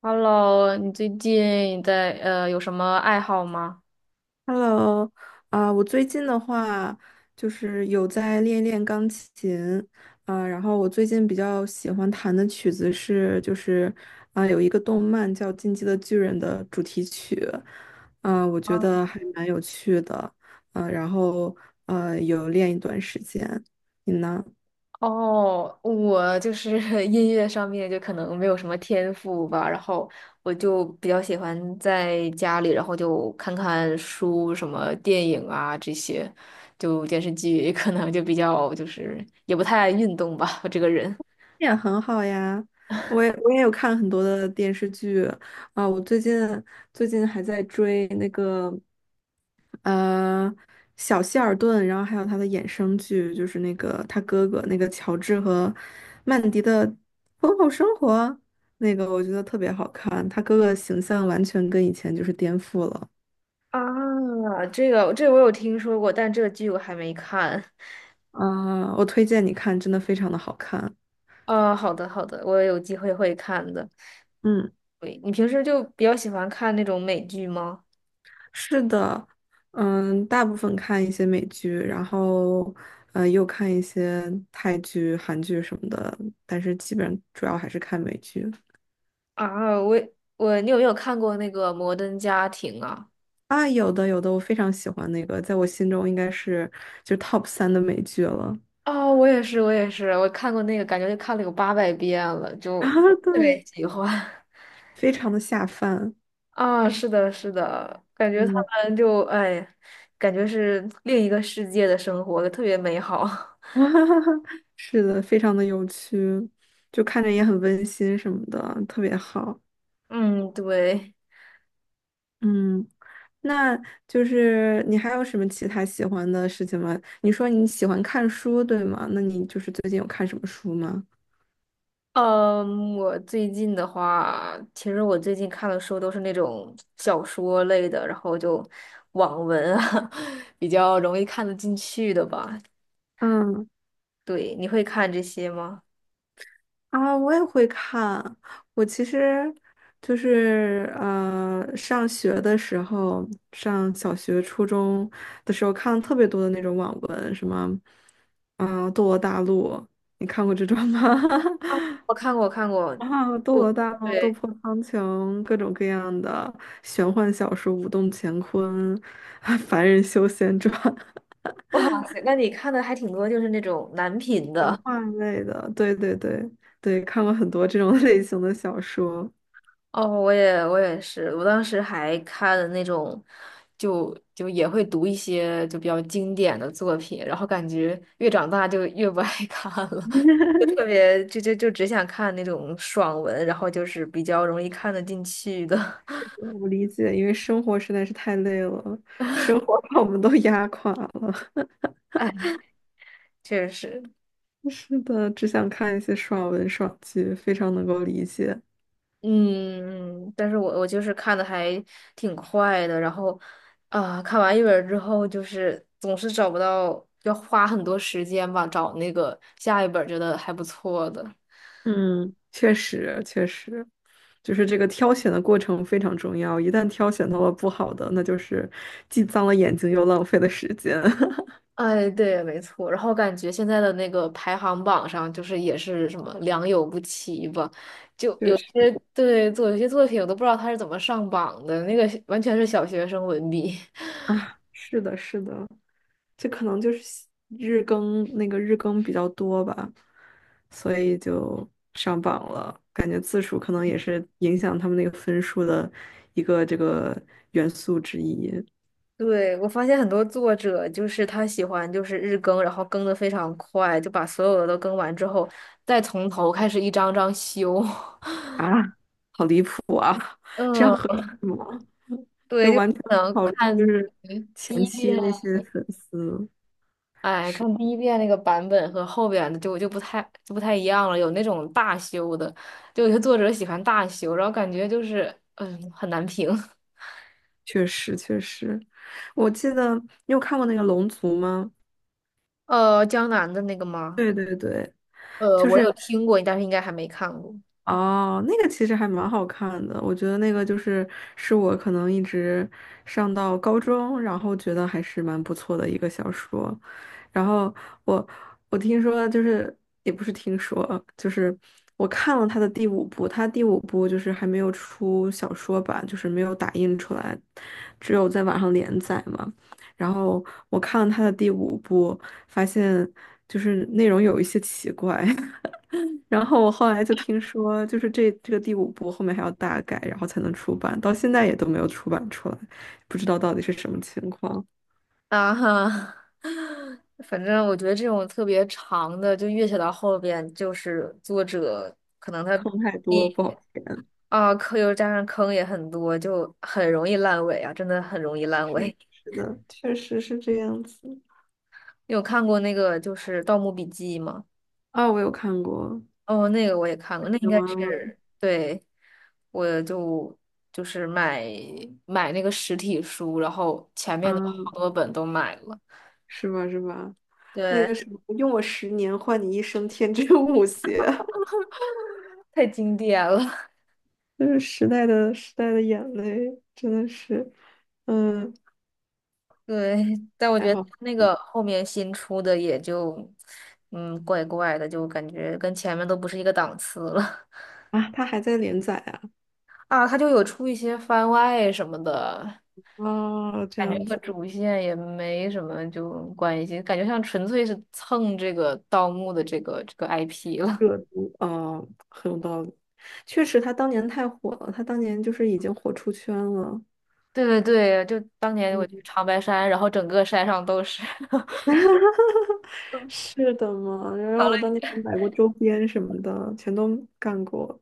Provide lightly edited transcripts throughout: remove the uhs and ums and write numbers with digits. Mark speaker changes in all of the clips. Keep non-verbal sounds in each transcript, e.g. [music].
Speaker 1: Hello，你最近在有什么爱好吗？
Speaker 2: Hello，啊、我最近的话就是有在练练钢琴，啊、然后我最近比较喜欢弹的曲子是就是啊、有一个动漫叫《进击的巨人》的主题曲，啊、我觉
Speaker 1: 啊
Speaker 2: 得还蛮有趣的，啊、然后有练一段时间，你呢？
Speaker 1: 哦，我就是 [laughs] 音乐上面就可能没有什么天赋吧，然后我就比较喜欢在家里，然后就看看书、什么电影啊这些，就电视剧 [laughs] 可能就比较就是也不太爱运动吧，我这个人。
Speaker 2: 也很好呀，我也有看很多的电视剧，啊、我最近还在追那个。呃，小希尔顿，然后还有他的衍生剧，就是那个他哥哥那个乔治和曼迪的婚后生活，那个我觉得特别好看，他哥哥的形象完全跟以前就是颠覆了。
Speaker 1: 啊，这个我有听说过，但这个剧我还没看。
Speaker 2: 啊、我推荐你看，真的非常的好看。
Speaker 1: 啊，好的好的，我有机会会看的。
Speaker 2: 嗯，
Speaker 1: 对，你平时就比较喜欢看那种美剧吗？
Speaker 2: 是的，嗯，大部分看一些美剧，然后又看一些泰剧、韩剧什么的，但是基本上主要还是看美剧。
Speaker 1: 啊，我也我你有没有看过那个《摩登家庭》啊？
Speaker 2: 啊，有的有的，我非常喜欢那个，在我心中应该是就是 top 三的美剧了
Speaker 1: 啊，我也是，我也是，我看过那个，感觉就看了有八百遍了，就
Speaker 2: 啊，
Speaker 1: 特别
Speaker 2: 对，
Speaker 1: 喜欢。[laughs]
Speaker 2: 非常的下饭，
Speaker 1: 啊，是的，是的，感觉他
Speaker 2: 嗯，
Speaker 1: 们就哎，感觉是另一个世界的生活，特别美好。
Speaker 2: [laughs] 是的，非常的有趣，就看着也很温馨什么的，特别好，
Speaker 1: [laughs] 嗯，对。
Speaker 2: 嗯，那就是你还有什么其他喜欢的事情吗？你说你喜欢看书，对吗？那你就是最近有看什么书吗？
Speaker 1: 嗯，我最近的话，其实我最近看的书都是那种小说类的，然后就网文啊，[laughs] 比较容易看得进去的吧。
Speaker 2: 嗯。
Speaker 1: 对，你会看这些吗？
Speaker 2: 啊，我也会看。我其实就是上学的时候，上小学、初中的时候看了特别多的那种网文，什么，啊，《斗罗大陆》，你看过这种吗？
Speaker 1: 我看过，看过。
Speaker 2: [laughs] 啊，《斗
Speaker 1: 不，
Speaker 2: 罗大陆》《斗
Speaker 1: 对，
Speaker 2: 破苍穹》，各种各样的玄幻小说，《武动乾坤》[laughs]《凡人修仙传》，
Speaker 1: [laughs] 哇塞，那你看的还挺多，就是那种男频
Speaker 2: 玄
Speaker 1: 的。
Speaker 2: 幻类的，对对对对，看过很多这种 [laughs] 类型的小说。
Speaker 1: 哦，我也我也是，我当时还看了那种，就也会读一些就比较经典的作品，然后感觉越长大就越不爱 [laughs] 看了，[laughs] 就特别就只想看那种爽文，然后就是比较容易看得进去的。[laughs]
Speaker 2: 我理解，因为生活实在是太累了，生活把我们都压垮了。
Speaker 1: 哎，确实。
Speaker 2: [laughs] 是的，只想看一些爽文爽剧，非常能够理解。
Speaker 1: 嗯，但是我就是看的还挺快的，然后啊，看完一本儿之后，就是总是找不到，要花很多时间吧，找那个下一本儿觉得还不错的。
Speaker 2: 嗯，确实，确实，就是这个挑选的过程非常重要。一旦挑选到了不好的，那就是既脏了眼睛又浪费了时间。[laughs]
Speaker 1: 哎，对，没错。然后感觉现在的那个排行榜上，就是也是什么良莠不齐吧，就有
Speaker 2: 确实。
Speaker 1: 些有些作品，我都不知道他是怎么上榜的，那个完全是小学生文笔。[laughs]
Speaker 2: 啊，是的，是的，这可能就是日更那个日更比较多吧，所以就上榜了。感觉字数可能也是影响他们那个分数的一个这个元素之一
Speaker 1: 对，我发现很多作者就是他喜欢就是日更，然后更的非常快，就把所有的都更完之后，再从头开始一张张修。[laughs]
Speaker 2: 啊，好离谱啊！[laughs] 这样
Speaker 1: 嗯，
Speaker 2: 合理吗？就
Speaker 1: 对，就
Speaker 2: 完全不
Speaker 1: 可能
Speaker 2: 考虑
Speaker 1: 看
Speaker 2: 就是
Speaker 1: 第
Speaker 2: 前
Speaker 1: 一
Speaker 2: 期
Speaker 1: 遍。
Speaker 2: 那些粉丝，
Speaker 1: 哎，
Speaker 2: 是
Speaker 1: 看第一遍那个版本和后边的就不太一样了，有那种大修的，就有些作者喜欢大修，然后感觉就是很难评。[laughs]
Speaker 2: 确实确实，我记得你有看过那个《龙族》吗？
Speaker 1: 呃，江南的那个吗？
Speaker 2: 对对对。就
Speaker 1: 我有
Speaker 2: 是。
Speaker 1: 听过，但是应该还没看过。
Speaker 2: 哦，那个其实还蛮好看的，我觉得那个就是是我可能一直上到高中，然后觉得还是蛮不错的一个小说。然后我我听说就是也不是听说，就是我看了他的第五部，他第五部就是还没有出小说版，就是没有打印出来，只有在网上连载嘛。然后我看了他的第五部，发现就是内容有一些奇怪。[laughs] 然后我后来就听说，就是这个第五部后面还要大改，然后才能出版，到现在也都没有出版出来，不知道到底是什么情况，
Speaker 1: 啊哈。[laughs] 反正我觉得这种特别长的，就越写到后边，就是作者可能他
Speaker 2: 坑太
Speaker 1: 一
Speaker 2: 多不好填。
Speaker 1: 啊坑又加上坑也很多，就很容易烂尾啊，真的很容易烂
Speaker 2: 是
Speaker 1: 尾。[laughs]
Speaker 2: 是的，确实是这样子。
Speaker 1: 你有看过那个就是《盗墓笔记》吗？
Speaker 2: 啊，我有看过，
Speaker 1: 哦，那个我也看过，那应
Speaker 2: 有
Speaker 1: 该
Speaker 2: 啊，
Speaker 1: 是对，我就是买那个实体书，然后前面的
Speaker 2: 啊，
Speaker 1: 好多本都买了，
Speaker 2: 是吧是吧？那
Speaker 1: 对，
Speaker 2: 个什么，用我10年换你一生天真无邪，
Speaker 1: [laughs] 太经典了。
Speaker 2: [laughs] 就是时代的眼泪，真的是，嗯，
Speaker 1: 对，但我
Speaker 2: 还
Speaker 1: 觉得
Speaker 2: 好
Speaker 1: 那个后面新出的也就，嗯，怪怪的，就感觉跟前面都不是一个档次了。
Speaker 2: 啊，他还在连载啊，
Speaker 1: [laughs] 啊，它就有出一些番外什么的，
Speaker 2: 哦，这
Speaker 1: 感觉
Speaker 2: 样
Speaker 1: 和
Speaker 2: 子。
Speaker 1: 主线也没什么就关系，感觉像纯粹是蹭这个盗墓的这个 IP 了。[laughs]
Speaker 2: 热度啊，很有道理。确实，他当年太火了，他当年就是已经火出圈了。
Speaker 1: 对对对，就当年我去
Speaker 2: 嗯，
Speaker 1: 长白山，然后整个山上都是。[laughs]
Speaker 2: [laughs] 是的嘛。然
Speaker 1: 好
Speaker 2: 后
Speaker 1: 嘞，
Speaker 2: 我当年还买过周边什么的，全都干过。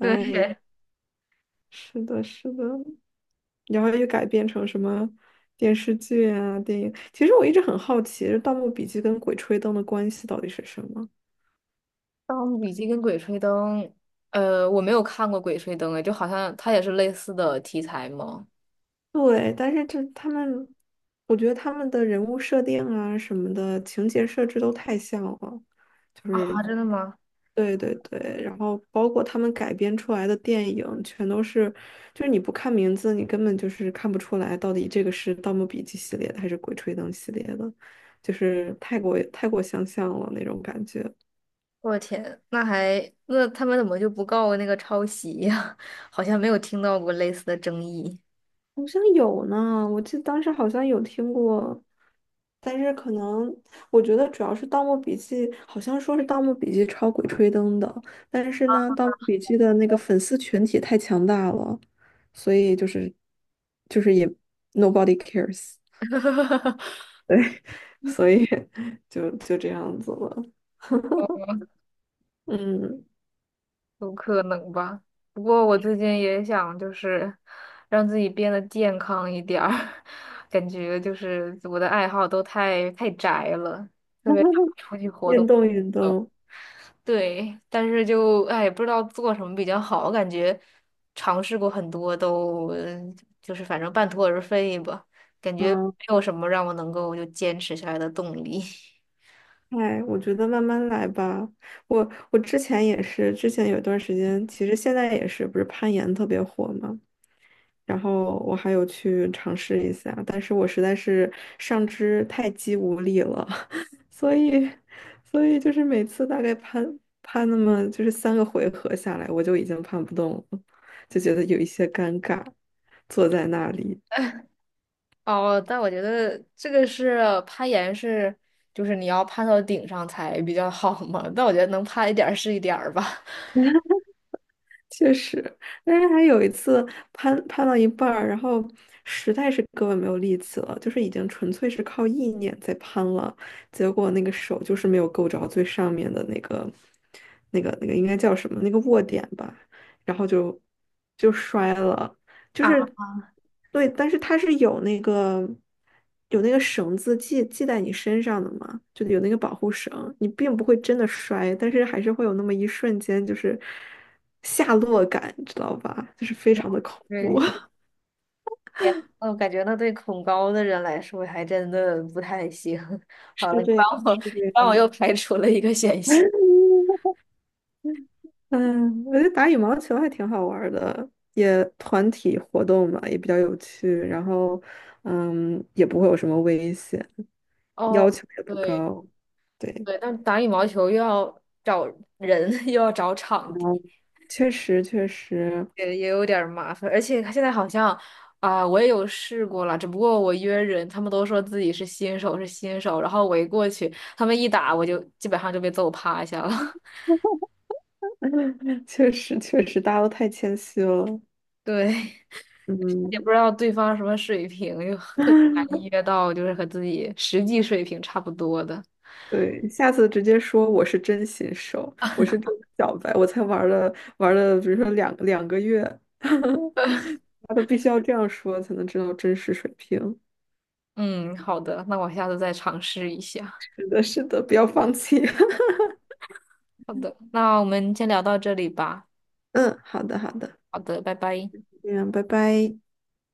Speaker 1: 对，
Speaker 2: 是的，是的。然后又改编成什么电视剧啊、电影。其实我一直很好奇，《就《盗墓笔记》跟《鬼吹灯》的关系到底是什么？
Speaker 1: 《盗墓笔记》跟《鬼吹灯》，呃，我没有看过《鬼吹灯》哎，就好像它也是类似的题材吗？
Speaker 2: 对，但是这他们，我觉得他们的人物设定啊什么的情节设置都太像了，就是
Speaker 1: 啊，真的吗？
Speaker 2: 对对对，然后包括他们改编出来的电影，全都是，就是你不看名字，你根本就是看不出来到底这个是《盗墓笔记》系列的还是《鬼吹灯》系列的，就是太过太过相像了那种感觉。
Speaker 1: 我的天，那他们怎么就不告那个抄袭呀？[laughs] 好像没有听到过类似的争议。
Speaker 2: 好像有呢，我记得当时好像有听过，但是可能我觉得主要是《盗墓笔记》，好像说是《盗墓笔记》抄《鬼吹灯》的，但是呢，《盗墓笔记》的那个粉丝群体太强大了，所以就是也 nobody cares，
Speaker 1: [laughs]
Speaker 2: 对，[laughs] 所以就这样子了，嗯，
Speaker 1: 有可能吧。不过我最近也想就是让自己变得健康一点儿，[laughs] 感觉就是我的爱好都太太宅了，特别想
Speaker 2: [laughs]
Speaker 1: 出去活
Speaker 2: 运
Speaker 1: 动。
Speaker 2: 动运动，
Speaker 1: 对，但是就哎，不知道做什么比较好，感觉尝试过很多都，就是反正半途而废吧，感觉
Speaker 2: 嗯。
Speaker 1: 没有什么让我能够就坚持下来的动力。[laughs]
Speaker 2: 哎，我觉得慢慢来吧。我之前也是，之前有一段时间，其实现在也是，不是攀岩特别火嘛。然后我还有去尝试一下，但是我实在是上肢太肌无力了，[laughs] 所以所以就是每次大概攀攀那么就是3个回合下来，我就已经攀不动了，就觉得有一些尴尬，坐在那里。
Speaker 1: 哦，但我觉得这个是攀岩是，就是你要攀到顶上才比较好嘛。但我觉得能攀一点儿是一点儿吧。[laughs]
Speaker 2: 确实，但是还有一次攀到一半儿，然后实在是胳膊没有力气了，就是已经纯粹是靠意念在攀了，结果那个手就是没有够着最上面的那个、那个、那个应该叫什么？那个握点吧，然后就摔了，就
Speaker 1: 啊，
Speaker 2: 是对，但是它是有那个有那个绳子系在你身上的嘛，就有那个保护绳，你并不会真的摔，但是还是会有那么一瞬间就是下落感，知道吧？就是非常的恐怖，
Speaker 1: 对，
Speaker 2: [laughs]
Speaker 1: 我感觉那对恐高的人来说还真的不太行。[laughs] 好
Speaker 2: 是
Speaker 1: 了，
Speaker 2: 这样，是这
Speaker 1: 你帮我
Speaker 2: 样。
Speaker 1: 又排除了一个险项。
Speaker 2: [laughs] 嗯，我觉得打羽毛球还挺好玩儿的，也团体活动嘛，也比较有趣，然后嗯，也不会有什么危险，要
Speaker 1: 哦，
Speaker 2: 求也不
Speaker 1: 对
Speaker 2: 高，对。
Speaker 1: 对，但打羽毛球又要找人，[laughs] 又要找场地。
Speaker 2: 确实，确实，
Speaker 1: 也有点儿麻烦，而且现在好像啊、我也有试过了，只不过我约人，他们都说自己是新手，是新手，然后我一过去，他们一打，我就基本上就被揍趴下了。[laughs]
Speaker 2: [laughs] 确实，确实，大家都太谦虚了。
Speaker 1: 对，也
Speaker 2: 嗯，
Speaker 1: 不知道对方什么水平，就特别难
Speaker 2: [laughs]
Speaker 1: 约到，就是和自己实际水平差不多的。
Speaker 2: 对，下次直接说我是真新手，我是真小白，我才玩了，比如说两个月，[laughs] 大家都必须要这样说才能知道真实水平。
Speaker 1: 嗯，好的，那我下次再尝试一下。
Speaker 2: 是的，是的，不要放弃。[laughs]
Speaker 1: 好的，那我们先聊到这里吧。
Speaker 2: 嗯，好的，好的，
Speaker 1: 好的，拜拜。
Speaker 2: 这样，拜拜。